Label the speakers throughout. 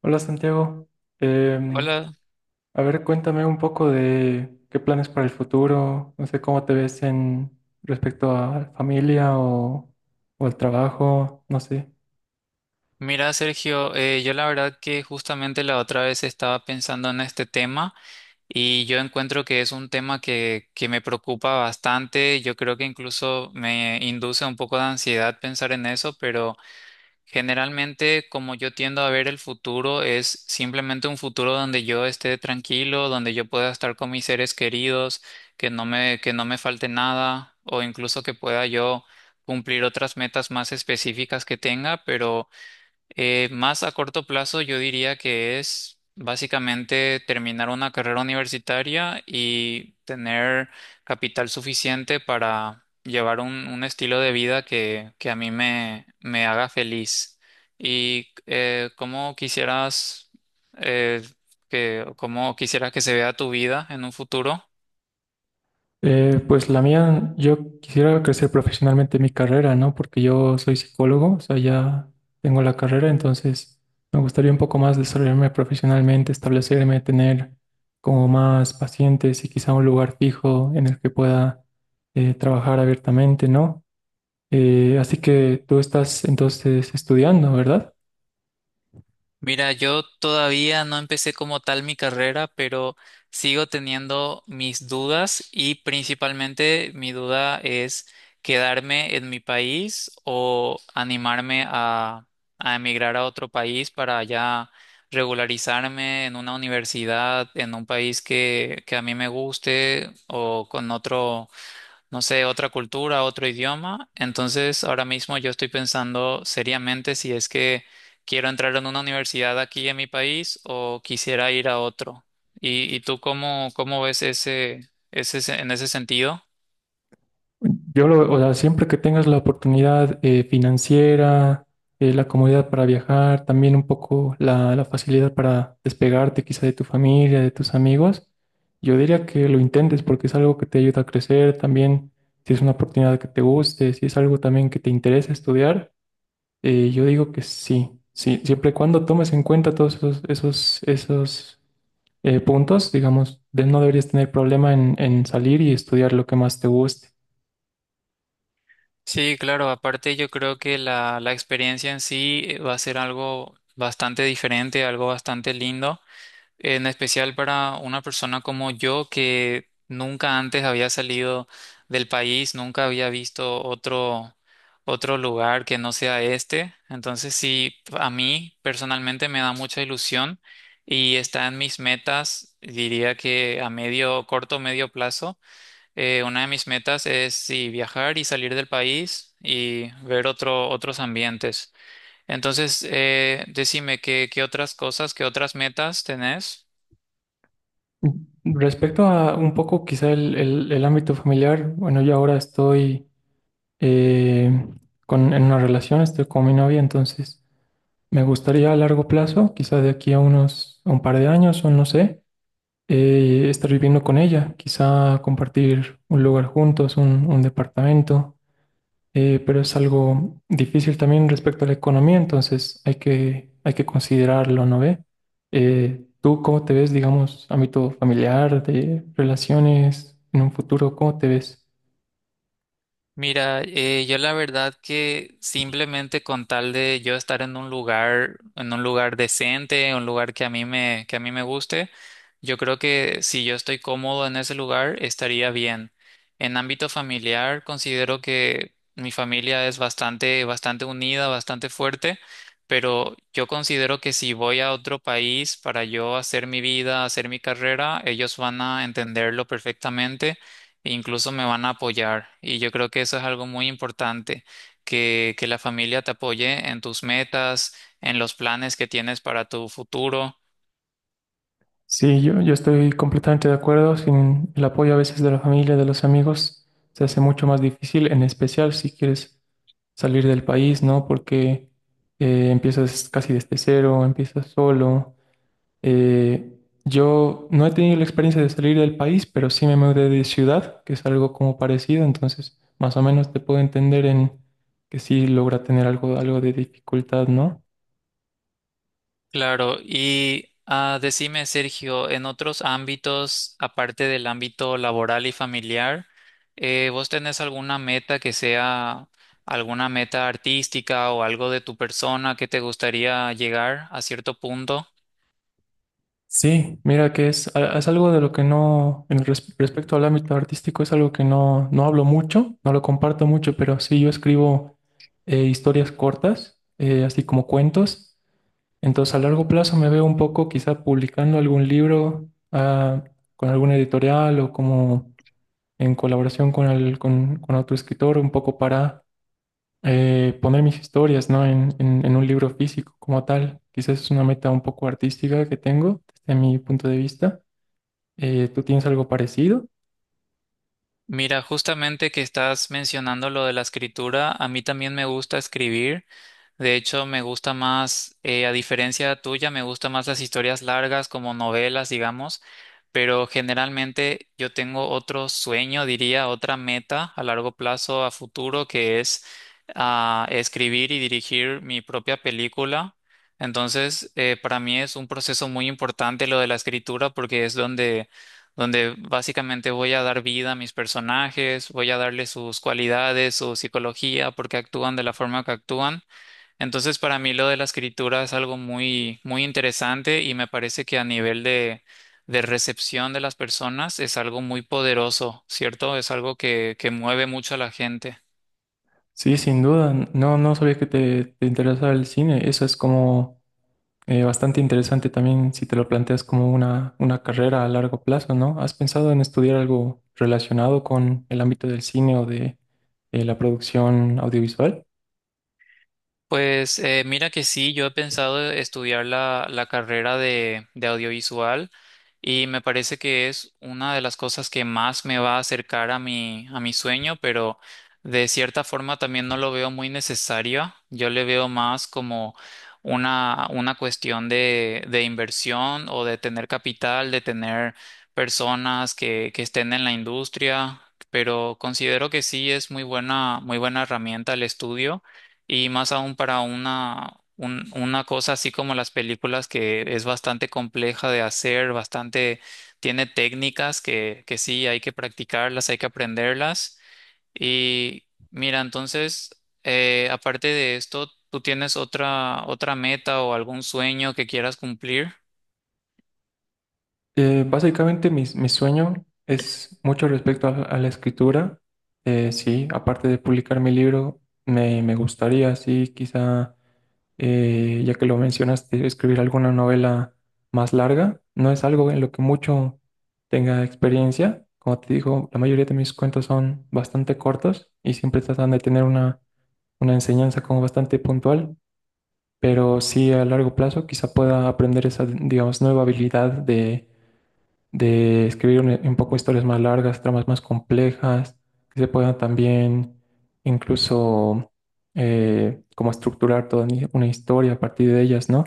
Speaker 1: Hola Santiago. Em,
Speaker 2: Hola,
Speaker 1: a ver, cuéntame un poco de qué planes para el futuro, no sé cómo te ves en respecto a la familia o al trabajo, no sé.
Speaker 2: mira Sergio, yo la verdad que justamente la otra vez estaba pensando en este tema y yo encuentro que es un tema que me preocupa bastante. Yo creo que incluso me induce un poco de ansiedad pensar en eso, pero generalmente como yo tiendo a ver el futuro es simplemente un futuro donde yo esté tranquilo, donde yo pueda estar con mis seres queridos, que no me falte nada o incluso que pueda yo cumplir otras metas más específicas que tenga, pero... más a corto plazo, yo diría que es básicamente terminar una carrera universitaria y tener capital suficiente para llevar un estilo de vida que a mí me haga feliz. ¿Y cómo quisieras eh, cómo quisieras que se vea tu vida en un futuro?
Speaker 1: Pues la mía, yo quisiera crecer profesionalmente en mi carrera, ¿no? Porque yo soy psicólogo, o sea, ya tengo la carrera, entonces me gustaría un poco más desarrollarme profesionalmente, establecerme, tener como más pacientes y quizá un lugar fijo en el que pueda trabajar abiertamente, ¿no? Así que tú estás entonces estudiando, ¿verdad?
Speaker 2: Mira, yo todavía no empecé como tal mi carrera, pero sigo teniendo mis dudas y principalmente mi duda es quedarme en mi país o animarme a emigrar a otro país para ya regularizarme en una universidad, en un país que a mí me guste o con otro, no sé, otra cultura, otro idioma. Entonces, ahora mismo yo estoy pensando seriamente si es que quiero entrar en una universidad aquí en mi país o quisiera ir a otro. Y tú cómo, cómo ves ese, ese en ese sentido?
Speaker 1: O sea, siempre que tengas la oportunidad financiera, la comodidad para viajar, también un poco la facilidad para despegarte quizá de tu familia, de tus amigos, yo diría que lo intentes porque es algo que te ayuda a crecer también, si es una oportunidad que te guste, si es algo también que te interesa estudiar. Yo digo que sí, sí, siempre y cuando tomes en cuenta todos esos puntos, digamos, no deberías tener problema en salir y estudiar lo que más te guste.
Speaker 2: Sí, claro, aparte yo creo que la experiencia en sí va a ser algo bastante diferente, algo bastante lindo, en especial para una persona como yo que nunca antes había salido del país, nunca había visto otro lugar que no sea este. Entonces sí, a mí personalmente me da mucha ilusión y está en mis metas, diría que a medio, corto, medio plazo. Una de mis metas es sí, viajar y salir del país y ver otros ambientes. Entonces, decime, ¿qué, qué otras cosas, qué otras metas tenés?
Speaker 1: Mm. Respecto a un poco quizá el ámbito familiar, bueno, yo ahora estoy eh, con, en una relación, estoy con mi novia, entonces me gustaría a largo plazo, quizá de aquí a unos, a un par de años o no sé, estar viviendo con ella, quizá compartir un lugar juntos, un departamento. Pero es algo difícil también respecto a la economía, entonces hay que considerarlo, ¿no ve? ¿Tú cómo te ves, digamos, ámbito familiar, de relaciones, en un futuro, cómo te ves?
Speaker 2: Mira, yo la verdad que simplemente con tal de yo estar en un lugar decente, un lugar que a mí que a mí me guste, yo creo que si yo estoy cómodo en ese lugar, estaría bien. En ámbito familiar, considero que mi familia es bastante, bastante unida, bastante fuerte, pero yo considero que si voy a otro país para yo hacer mi vida, hacer mi carrera, ellos van a entenderlo perfectamente e incluso me van a apoyar. Y yo creo que eso es algo muy importante, que la familia te apoye en tus metas, en los planes que tienes para tu futuro.
Speaker 1: Sí, yo estoy completamente de acuerdo, sin el apoyo a veces de la familia, de los amigos, se hace mucho más difícil, en especial si quieres salir del país, ¿no? Porque empiezas casi desde cero, empiezas solo. Eh, yo no he tenido la experiencia de salir del país, pero sí me mudé de ciudad, que es algo como parecido, entonces más o menos te puedo entender en que sí logra tener algo, algo de dificultad, ¿no?
Speaker 2: Claro, y ah, decime, Sergio, en otros ámbitos, aparte del ámbito laboral y familiar, ¿vos tenés alguna meta que sea alguna meta artística o algo de tu persona que te gustaría llegar a cierto punto?
Speaker 1: Sí, mira que es algo de lo que no, en respecto al ámbito artístico, es algo que no, no hablo mucho, no lo comparto mucho, pero sí yo escribo historias cortas, así como cuentos. Entonces, a largo plazo me veo un poco quizá publicando algún libro, ah, con alguna editorial o como en colaboración con otro escritor, un poco para poner mis historias, ¿no? En un libro físico como tal. Quizás es una meta un poco artística que tengo desde mi punto de vista. ¿Tú tienes algo parecido?
Speaker 2: Mira, justamente que estás mencionando lo de la escritura, a mí también me gusta escribir. De hecho, me gusta más, a diferencia tuya, me gustan más las historias largas como novelas, digamos, pero generalmente yo tengo otro sueño, diría, otra meta a largo plazo, a futuro, que es ah, escribir y dirigir mi propia película. Entonces, para mí es un proceso muy importante lo de la escritura porque es donde donde básicamente voy a dar vida a mis personajes, voy a darle sus cualidades, su psicología, por qué actúan de la forma que actúan. Entonces, para mí lo de la escritura es algo muy, muy interesante y me parece que a nivel de recepción de las personas es algo muy poderoso, ¿cierto? Es algo que mueve mucho a la gente.
Speaker 1: Sí, sin duda. No, no sabía que te interesaba el cine. Eso es como... Bastante interesante también si te lo planteas como una carrera a largo plazo, ¿no? ¿Has pensado en estudiar algo relacionado con el ámbito del cine o de la producción audiovisual?
Speaker 2: Pues mira que sí, yo he pensado estudiar la carrera de audiovisual y me parece que es una de las cosas que más me va a acercar a a mi sueño, pero de cierta forma también no lo veo muy necesario. Yo le veo más como una cuestión de inversión o de tener capital, de tener personas que estén en la industria, pero considero que sí es muy buena herramienta el estudio. Y más aún para una cosa así como las películas que es bastante compleja de hacer, bastante, tiene técnicas que sí hay que practicarlas, hay que aprenderlas. Y mira, entonces, aparte de esto, ¿tú tienes otra, otra meta o algún sueño que quieras cumplir?
Speaker 1: Básicamente mi sueño es mucho respecto a la escritura. Sí, aparte de publicar mi libro, me gustaría, sí, quizá. Ya que lo mencionaste, escribir alguna novela más larga no es algo en lo que mucho tenga experiencia. Como te digo, la mayoría de mis cuentos son bastante cortos y siempre tratan de tener una enseñanza como bastante puntual, pero sí a largo plazo quizá pueda aprender esa, digamos, nueva habilidad de escribir un poco historias más largas, tramas más complejas, que se puedan también incluso como estructurar toda una historia a partir de ellas, ¿no?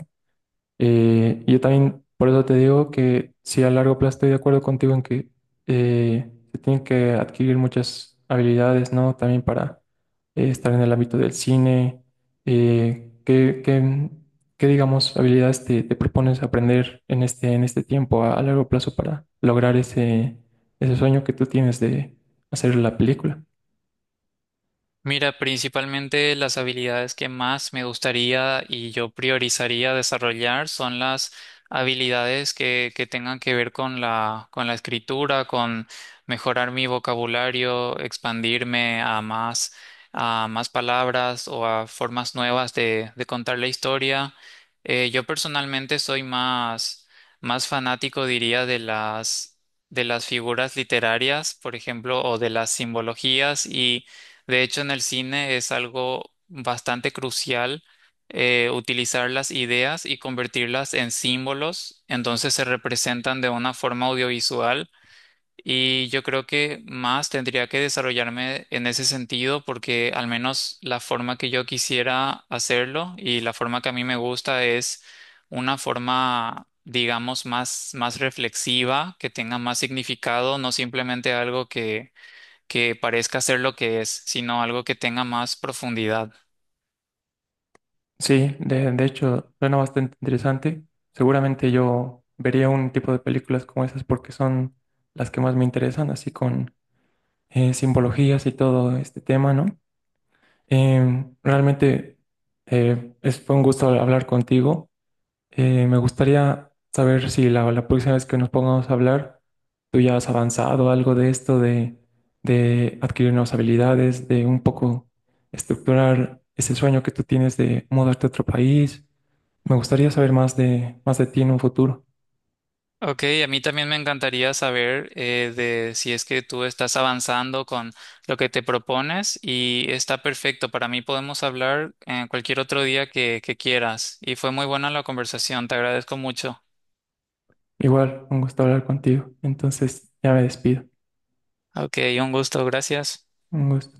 Speaker 1: Yo también, por eso te digo que sí, a largo plazo estoy de acuerdo contigo en que se tienen que adquirir muchas habilidades, ¿no? También para estar en el ámbito del cine. Eh, ¿qué, qué- qué, digamos, habilidades te propones aprender en en este tiempo a largo plazo para lograr ese, ese sueño que tú tienes de hacer la película?
Speaker 2: Mira, principalmente las habilidades que más me gustaría y yo priorizaría desarrollar son las habilidades que tengan que ver con con la escritura, con mejorar mi vocabulario, expandirme a más palabras o a formas nuevas de contar la historia. Yo personalmente soy más, más fanático, diría, de de las figuras literarias, por ejemplo, o de las simbologías y de hecho, en el cine es algo bastante crucial utilizar las ideas y convertirlas en símbolos, entonces se representan de una forma audiovisual y yo creo que más tendría que desarrollarme en ese sentido porque al menos la forma que yo quisiera hacerlo y la forma que a mí me gusta es una forma, digamos, más, más reflexiva, que tenga más significado, no simplemente algo que parezca ser lo que es, sino algo que tenga más profundidad.
Speaker 1: Sí, de hecho, suena bastante interesante. Seguramente yo vería un tipo de películas como esas porque son las que más me interesan, así con simbologías y todo este tema, ¿no? Realmente fue un gusto hablar contigo. Me gustaría saber si la próxima vez que nos pongamos a hablar, tú ya has avanzado algo de esto, de adquirir nuevas habilidades, de un poco estructurar ese sueño que tú tienes de mudarte a otro país. Me gustaría saber más de ti en un futuro.
Speaker 2: Ok, a mí también me encantaría saber de si es que tú estás avanzando con lo que te propones y está perfecto. Para mí podemos hablar en cualquier otro día que quieras. Y fue muy buena la conversación, te agradezco mucho.
Speaker 1: Igual, un gusto hablar contigo. Entonces, ya me despido.
Speaker 2: Ok, un gusto, gracias.
Speaker 1: Un gusto.